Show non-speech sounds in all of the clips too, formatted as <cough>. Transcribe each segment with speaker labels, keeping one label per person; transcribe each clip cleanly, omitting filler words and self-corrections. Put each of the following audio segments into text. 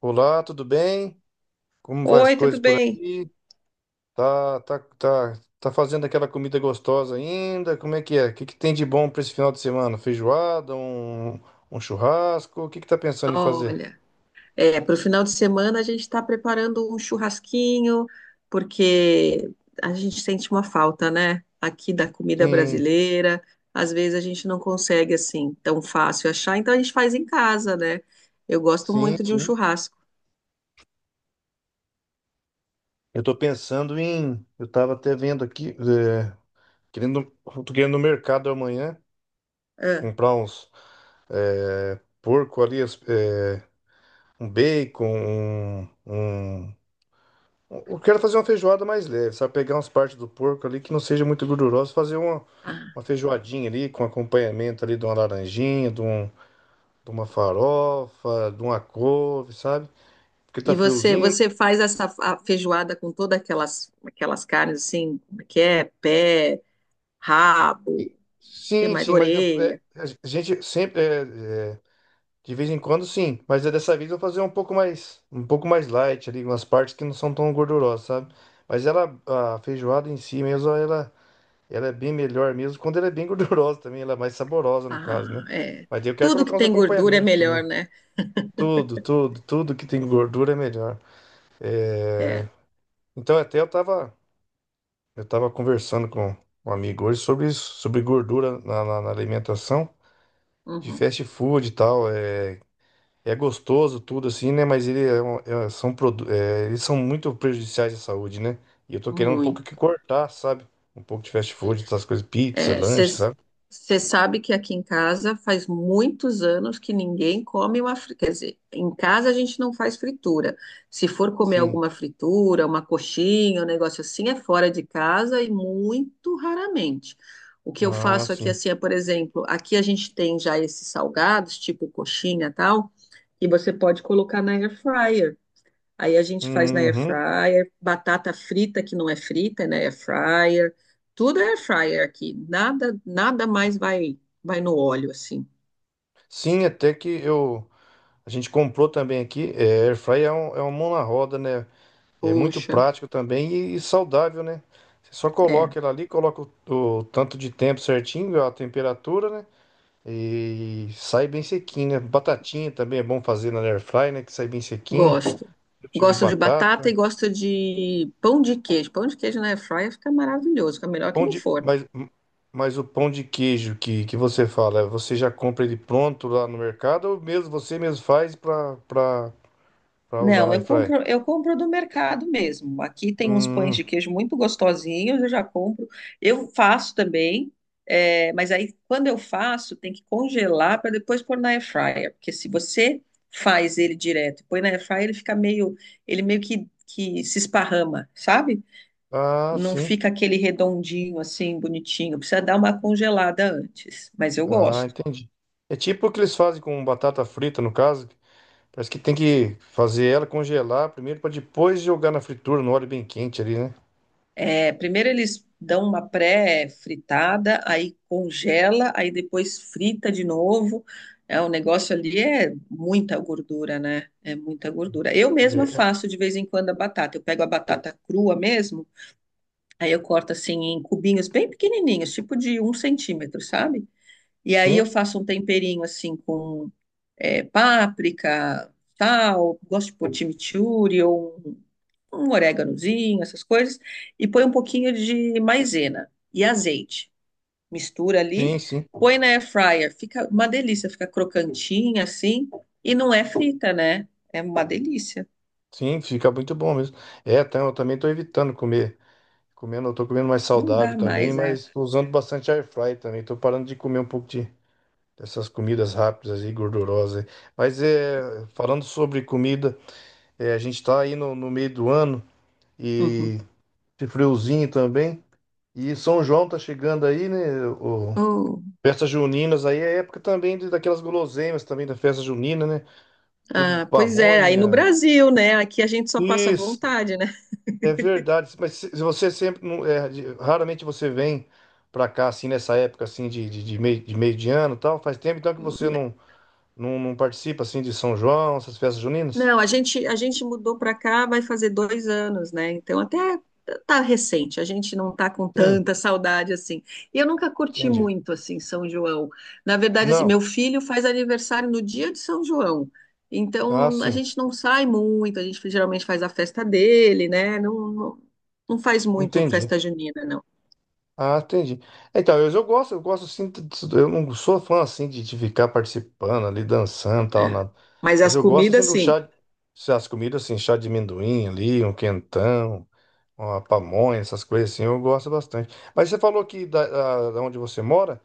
Speaker 1: Olá, tudo bem? Como vai as
Speaker 2: Oi,
Speaker 1: coisas
Speaker 2: tudo
Speaker 1: por
Speaker 2: bem?
Speaker 1: aí? Tá, tá, tá, tá fazendo aquela comida gostosa ainda? Como é que é? O que que tem de bom para esse final de semana? Feijoada, um churrasco? O que que tá pensando em fazer?
Speaker 2: Olha, para o final de semana a gente está preparando um churrasquinho, porque a gente sente uma falta, né? Aqui da comida
Speaker 1: Sim,
Speaker 2: brasileira. Às vezes a gente não consegue assim tão fácil achar, então a gente faz em casa, né? Eu gosto
Speaker 1: sim,
Speaker 2: muito de um
Speaker 1: sim.
Speaker 2: churrasco.
Speaker 1: Eu tô pensando em, eu tava até vendo aqui, é, querendo, tô querendo no mercado amanhã
Speaker 2: Ah,
Speaker 1: comprar uns é, porco ali, é, um bacon, um eu quero fazer uma feijoada mais leve, sabe? Pegar umas partes do porco ali que não seja muito gordurosa, fazer
Speaker 2: ah.
Speaker 1: uma feijoadinha ali com acompanhamento ali de uma laranjinha, de uma farofa, de uma couve, sabe? Porque tá
Speaker 2: E você,
Speaker 1: friozinho.
Speaker 2: você faz essa a feijoada com todas aquelas carnes assim, como é que é pé,
Speaker 1: Né?
Speaker 2: rabo, que
Speaker 1: Sim,
Speaker 2: mais,
Speaker 1: sim, mas é,
Speaker 2: orelha.
Speaker 1: a gente sempre, de vez em quando sim, mas é dessa vez eu vou fazer um pouco mais light ali, umas partes que não são tão gordurosas, sabe? Mas ela, a feijoada em si mesmo, ela. Ela é bem melhor mesmo. Quando ela é bem <laughs> gordurosa também, ela é mais saborosa no
Speaker 2: Ah,
Speaker 1: caso, né?
Speaker 2: é.
Speaker 1: Mas daí eu quero
Speaker 2: Tudo
Speaker 1: colocar
Speaker 2: que
Speaker 1: uns
Speaker 2: tem gordura é
Speaker 1: acompanhamentos
Speaker 2: melhor,
Speaker 1: também.
Speaker 2: né?
Speaker 1: Tudo que tem gordura é melhor.
Speaker 2: É,
Speaker 1: É, então até eu tava conversando com um amigo hoje sobre isso, sobre gordura na alimentação, de
Speaker 2: uhum,
Speaker 1: fast food e tal. É, é gostoso tudo assim, né? Mas é, eles são muito prejudiciais à saúde, né? E eu tô querendo um pouco que
Speaker 2: muito.
Speaker 1: cortar, sabe? Um pouco de fast food, essas coisas, pizza, lanche, sabe?
Speaker 2: Você sabe que aqui em casa faz muitos anos que ninguém come uma fritura. Quer dizer, em casa a gente não faz fritura. Se for comer
Speaker 1: Sim.
Speaker 2: alguma fritura, uma coxinha, um negócio assim, é fora de casa e muito raramente. O que eu
Speaker 1: Ah,
Speaker 2: faço aqui,
Speaker 1: sim.
Speaker 2: assim, por exemplo, aqui a gente tem já esses salgados, tipo coxinha e tal, que você pode colocar na air fryer. Aí a gente faz na air
Speaker 1: Uhum.
Speaker 2: fryer, batata frita que não é frita, é na air fryer. Tudo é air fryer aqui. Nada, nada mais vai no óleo assim.
Speaker 1: Sim, até que eu a gente comprou também aqui. É, air fry é, é uma mão na roda, né? É muito
Speaker 2: Poxa,
Speaker 1: prático também e saudável, né? Você só
Speaker 2: é,
Speaker 1: coloca ela ali, coloca o tanto de tempo certinho, a temperatura, né? E sai bem sequinho, né? Batatinha também é bom fazer na air fry, né? Que sai bem sequinho.
Speaker 2: gosto.
Speaker 1: O tipo de
Speaker 2: Gosto de batata
Speaker 1: batata.
Speaker 2: e gosto de pão de queijo. Pão de queijo na air fryer fica maravilhoso, fica melhor que
Speaker 1: Pão
Speaker 2: no
Speaker 1: de,
Speaker 2: forno.
Speaker 1: mas o pão de queijo que você fala, você já compra ele pronto lá no mercado ou mesmo você mesmo faz para pra usar na
Speaker 2: Não, eu
Speaker 1: airfryer.
Speaker 2: compro, eu compro do mercado mesmo. Aqui tem uns pães
Speaker 1: Hum,
Speaker 2: de queijo muito gostosinhos, eu já compro. Eu faço também, mas aí quando eu faço, tem que congelar para depois pôr na air fryer, porque se você faz ele direto e põe na air fryer, ele fica meio, ele meio que se esparrama, sabe?
Speaker 1: ah,
Speaker 2: Não
Speaker 1: sim.
Speaker 2: fica aquele redondinho assim, bonitinho. Precisa dar uma congelada antes, mas eu
Speaker 1: Ah,
Speaker 2: gosto.
Speaker 1: entendi. É tipo o que eles fazem com batata frita, no caso. Parece que tem que fazer ela congelar primeiro para depois jogar na fritura, no óleo bem quente ali, né?
Speaker 2: É, primeiro eles dão uma pré-fritada, aí congela, aí depois frita de novo. É, o negócio ali é muita gordura, né? É muita gordura. Eu mesma
Speaker 1: É,
Speaker 2: faço de vez em quando a batata. Eu pego a batata crua mesmo, aí eu corto assim em cubinhos bem pequenininhos, tipo de um centímetro, sabe? E aí eu
Speaker 1: sim,
Speaker 2: faço um temperinho assim com páprica, sal, gosto de pôr chimichurri ou um oréganozinho, essas coisas, e põe um pouquinho de maisena e azeite. Mistura ali,
Speaker 1: sim, sim.
Speaker 2: põe na air fryer, fica uma delícia, fica crocantinha assim, e não é frita, né? É uma delícia.
Speaker 1: Sim, fica muito bom mesmo. É, eu também tô evitando comer. Comendo, eu tô comendo mais
Speaker 2: Não
Speaker 1: saudável
Speaker 2: dá
Speaker 1: também,
Speaker 2: mais, né?
Speaker 1: mas tô usando bastante air fry também. Tô parando de comer um pouco de dessas comidas rápidas e gordurosas. Aí. Mas é, falando sobre comida, é, a gente tá aí no meio do ano.
Speaker 2: Uhum.
Speaker 1: E esse friozinho também. E São João tá chegando aí, né? O...
Speaker 2: Hum.
Speaker 1: Festas juninas aí é época também de, daquelas guloseimas também da festa junina, né? Tudo de
Speaker 2: Ah, pois é, aí no
Speaker 1: pamonha.
Speaker 2: Brasil, né? Aqui a gente só passa
Speaker 1: Isso,
Speaker 2: vontade, né?
Speaker 1: é verdade. Mas se você sempre é, raramente você vem pra cá assim nessa época assim de meio, de meio de ano, e tal. Faz tempo então que você não, não participa assim de São João, essas festas juninas?
Speaker 2: Não, a gente mudou para cá, vai fazer 2 anos, né? Então, até tá recente, a gente não tá com
Speaker 1: Sim,
Speaker 2: tanta saudade assim. E eu nunca curti
Speaker 1: entendi.
Speaker 2: muito, assim, São João. Na verdade, assim,
Speaker 1: Não.
Speaker 2: meu filho faz aniversário no dia de São João.
Speaker 1: Ah,
Speaker 2: Então, a
Speaker 1: sim.
Speaker 2: gente não sai muito, a gente geralmente faz a festa dele, né? Não, não, não faz muito
Speaker 1: Entendi.
Speaker 2: festa junina, não.
Speaker 1: Ah, entendi. Então, eu gosto assim, eu não sou fã assim de ficar participando ali, dançando e tal,
Speaker 2: É.
Speaker 1: nada.
Speaker 2: Mas
Speaker 1: Mas
Speaker 2: as
Speaker 1: eu gosto assim
Speaker 2: comidas,
Speaker 1: do
Speaker 2: sim.
Speaker 1: chá, se as comidas assim, chá de amendoim ali, um quentão, uma pamonha, essas coisas assim, eu gosto bastante. Mas você falou que da onde você mora,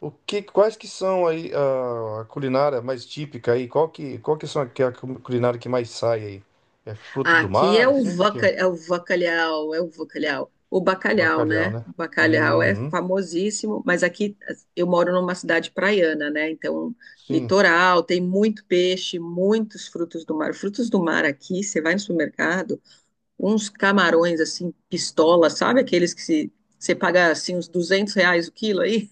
Speaker 1: quais que são aí a culinária mais típica aí? Qual que são a, que é a culinária que mais sai aí? É fruto do
Speaker 2: Aqui
Speaker 1: mar,
Speaker 2: é o
Speaker 1: assim, o que que
Speaker 2: vaca,
Speaker 1: é?
Speaker 2: é o bacalhau. O bacalhau,
Speaker 1: Bacalhau,
Speaker 2: né?
Speaker 1: né?
Speaker 2: O bacalhau é
Speaker 1: Uhum,
Speaker 2: famosíssimo, mas aqui eu moro numa cidade praiana, né? Então,
Speaker 1: sim.
Speaker 2: litoral, tem muito peixe, muitos frutos do mar. Frutos do mar aqui, você vai no supermercado, uns camarões assim, pistola, sabe aqueles que se, você paga assim uns R$ 200 o quilo aí?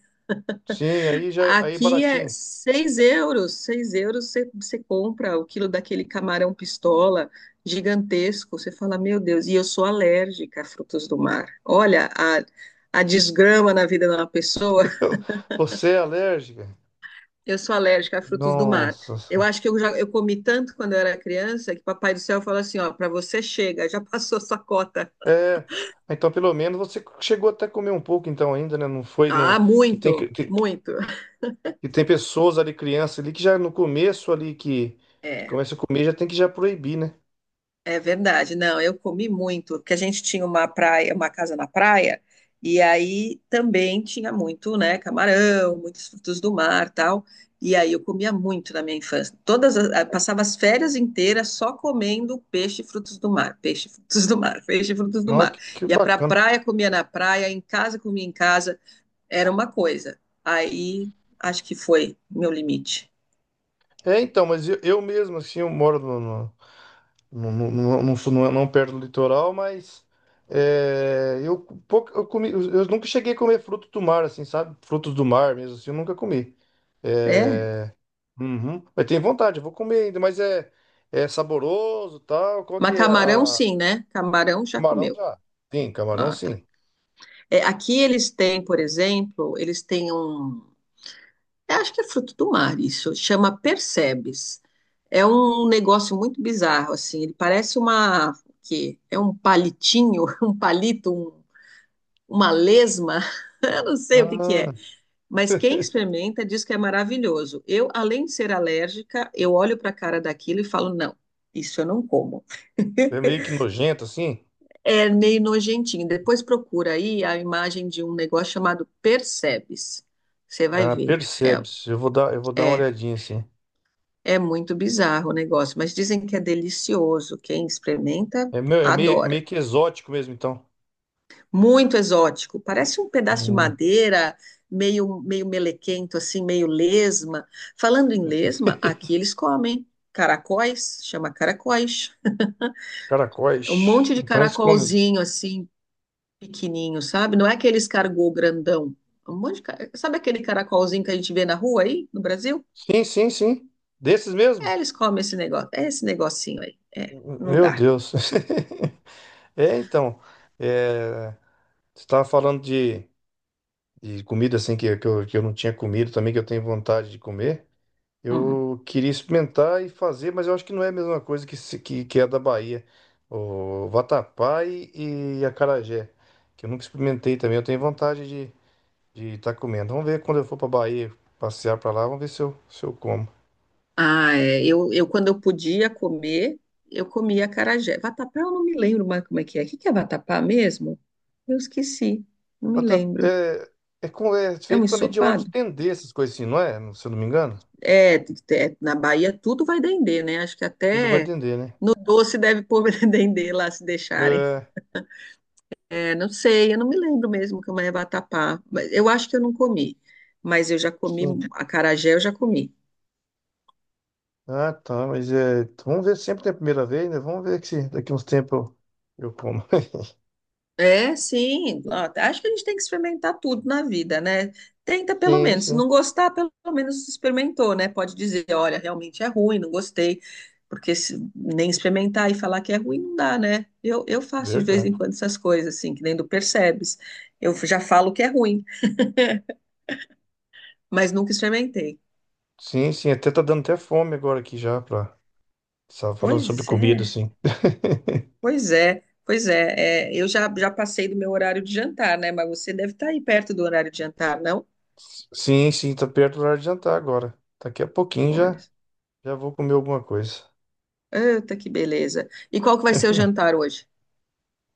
Speaker 1: Sim, aí já aí
Speaker 2: Aqui é
Speaker 1: baratinho.
Speaker 2: 6 euros. 6 euros você, você compra o quilo daquele camarão pistola gigantesco. Você fala, meu Deus, e eu sou alérgica a frutos do mar. Olha a desgrama na vida de uma pessoa. <laughs>
Speaker 1: <laughs> Você é alérgica?
Speaker 2: Eu sou alérgica a frutos do mar.
Speaker 1: Nossa.
Speaker 2: Eu acho que eu já eu comi tanto quando eu era criança que Papai do Céu falou assim: ó, para você chega, já <laughs> passou sua cota.
Speaker 1: É, então pelo menos você chegou até a comer um pouco então ainda, né? Não foi no
Speaker 2: Ah,
Speaker 1: que tem que
Speaker 2: muito,
Speaker 1: que
Speaker 2: muito.
Speaker 1: que tem pessoas ali criança ali que já no começo ali que
Speaker 2: É.
Speaker 1: começa a comer já tem que já proibir, né?
Speaker 2: É verdade, não, eu comi muito, porque a gente tinha uma praia, uma casa na praia, e aí também tinha muito, né, camarão, muitos frutos do mar, tal, e aí eu comia muito na minha infância. Todas as- ah, passava as férias inteiras só comendo peixe e frutos do mar, peixe e frutos do mar, <laughs> peixe e frutos do
Speaker 1: Nossa,
Speaker 2: mar.
Speaker 1: que
Speaker 2: Ia pra
Speaker 1: bacana.
Speaker 2: praia, comia na praia, em casa comia em casa, era uma coisa. Aí acho que foi meu limite.
Speaker 1: É, então, mas eu mesmo assim eu moro não, não é, não perto do litoral, mas é, eu, pouco, eu, comi, eu nunca cheguei a comer fruto do mar, assim, sabe? Frutos do mar mesmo, assim, eu nunca comi.
Speaker 2: É,
Speaker 1: É, uhum. Mas tenho vontade, eu vou comer ainda, mas é, é saboroso tal. Qual que
Speaker 2: mas
Speaker 1: é
Speaker 2: camarão
Speaker 1: a...
Speaker 2: sim, né? Camarão já
Speaker 1: Camarão
Speaker 2: comeu.
Speaker 1: já? Sim, camarão
Speaker 2: Ah,
Speaker 1: sim.
Speaker 2: é, aqui eles têm, por exemplo, eles têm um. Eu Acho que é fruto do mar, isso. Chama Percebes. É um negócio muito bizarro, assim. Ele parece uma. O quê? É um palitinho, <laughs> um palito, um- uma lesma. <laughs> Eu não sei o que que
Speaker 1: Ah,
Speaker 2: é. Mas quem experimenta diz que é maravilhoso. Eu, além de ser alérgica, eu olho para a cara daquilo e falo, não, isso eu não como.
Speaker 1: é meio que nojento, assim.
Speaker 2: É meio nojentinho. Depois procura aí a imagem de um negócio chamado Percebes. Você vai
Speaker 1: Ah,
Speaker 2: ver. É,
Speaker 1: percebe-se. Eu vou dar uma
Speaker 2: é,
Speaker 1: olhadinha, assim.
Speaker 2: é muito bizarro o negócio, mas dizem que é delicioso. Quem experimenta,
Speaker 1: É, meu, é meio,
Speaker 2: adora.
Speaker 1: meio que exótico mesmo, então.
Speaker 2: Muito exótico. Parece um pedaço de
Speaker 1: Hum.
Speaker 2: madeira, meio, meio melequento, assim, meio lesma. Falando em lesma, aqui
Speaker 1: <laughs>
Speaker 2: eles comem caracóis, chama caracóis. Um
Speaker 1: Caracóis.
Speaker 2: monte de
Speaker 1: Então eles comem.
Speaker 2: caracolzinho, assim, pequenininho, sabe? Não é aquele escargot grandão. Um monte de... ca- Sabe aquele caracolzinho que a gente vê na rua aí, no Brasil?
Speaker 1: Sim, sim, sim. Desses mesmo?
Speaker 2: É, eles comem esse negócio, é esse negocinho aí. É, não
Speaker 1: Meu
Speaker 2: dá.
Speaker 1: Deus. <laughs> É, então. É, você estava falando de comida assim que eu não tinha comido também, que eu tenho vontade de comer.
Speaker 2: Uhum.
Speaker 1: Eu queria experimentar e fazer, mas eu acho que não é a mesma coisa que, que é da Bahia. O vatapá e acarajé, que eu nunca experimentei também. Eu tenho vontade de estar de tá comendo. Vamos ver quando eu for para Bahia passear para lá, vamos ver se eu como.
Speaker 2: Ah, é, eu quando eu podia comer, eu comia acarajé. Vatapá eu não me lembro mais como é que é. O que que é vatapá mesmo? Eu esqueci, não me
Speaker 1: Mas
Speaker 2: lembro.
Speaker 1: é, é, é
Speaker 2: É um
Speaker 1: feito também de óleo de
Speaker 2: ensopado?
Speaker 1: dendê, essas coisas assim, não é? Se eu não me engano.
Speaker 2: Na Bahia tudo vai dendê, né? Acho que
Speaker 1: Tudo vai
Speaker 2: até
Speaker 1: dendê, né?
Speaker 2: no doce deve pôr <laughs> dendê lá se deixarem.
Speaker 1: É,
Speaker 2: É, não sei, eu não me lembro mesmo que é uma vatapá. Mas eu acho que eu não comi, mas eu já comi
Speaker 1: sim.
Speaker 2: acarajé, eu já comi.
Speaker 1: Ah, tá, mas é, vamos ver sempre tem a primeira vez, né? Vamos ver se daqui uns tempos eu como. <laughs>
Speaker 2: É, sim. Ó, acho que a gente tem que experimentar tudo na vida, né? Tenta pelo
Speaker 1: Sim,
Speaker 2: menos. Se
Speaker 1: sim.
Speaker 2: não gostar, pelo menos experimentou, né? Pode dizer, olha, realmente é ruim, não gostei. Porque se nem experimentar e falar que é ruim não dá, né? Eu faço de vez
Speaker 1: Verdade.
Speaker 2: em quando essas coisas, assim, que nem do percebes. Eu já falo que é ruim, mas nunca experimentei.
Speaker 1: Sim, sim, até tá dando até fome agora aqui já pra... Só falando sobre
Speaker 2: Pois
Speaker 1: comida,
Speaker 2: é.
Speaker 1: assim. <laughs>
Speaker 2: Eu já, já passei do meu horário de jantar, né? Mas você deve estar aí perto do horário de jantar, não?
Speaker 1: Sim, sim, tá perto do horário de jantar agora. Daqui a pouquinho
Speaker 2: Olha,
Speaker 1: já, já vou comer alguma coisa.
Speaker 2: eita, que beleza. E qual que vai ser o
Speaker 1: <laughs>
Speaker 2: jantar hoje?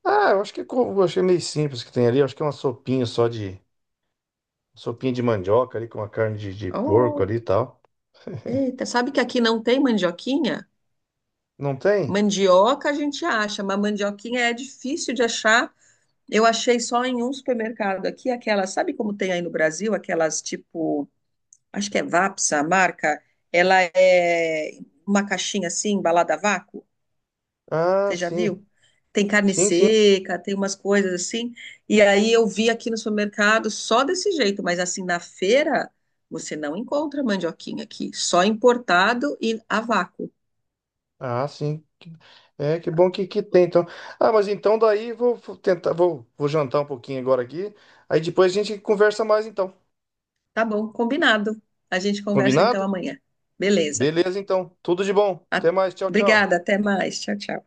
Speaker 1: Ah, eu acho que como, eu achei meio simples que tem ali. Eu acho que é uma sopinha só de sopinha de mandioca ali com uma carne de porco ali
Speaker 2: Oh,
Speaker 1: e tal.
Speaker 2: eita, sabe que aqui não tem mandioquinha?
Speaker 1: Não tem?
Speaker 2: Mandioca a gente acha, mas mandioquinha é difícil de achar. Eu achei só em um supermercado aqui, aquelas. Sabe como tem aí no Brasil, aquelas tipo, acho que é Vapsa, a marca, ela é uma caixinha assim, embalada a vácuo?
Speaker 1: Ah,
Speaker 2: Você já
Speaker 1: sim.
Speaker 2: viu? Tem carne
Speaker 1: Sim, sim.
Speaker 2: seca, tem umas coisas assim. E aí eu vi aqui no supermercado só desse jeito, mas assim na feira você não encontra mandioquinha aqui, só importado e a vácuo.
Speaker 1: Ah, sim. Que- é, que bom que tem, então. Ah, mas então daí vou tentar, vou jantar um pouquinho agora aqui. Aí depois a gente conversa mais então.
Speaker 2: Tá bom, combinado. A gente conversa então
Speaker 1: Combinado?
Speaker 2: amanhã. Beleza.
Speaker 1: Beleza, então. Tudo de bom. Até
Speaker 2: A-
Speaker 1: mais. Tchau, tchau.
Speaker 2: Obrigada, até mais. Tchau, tchau.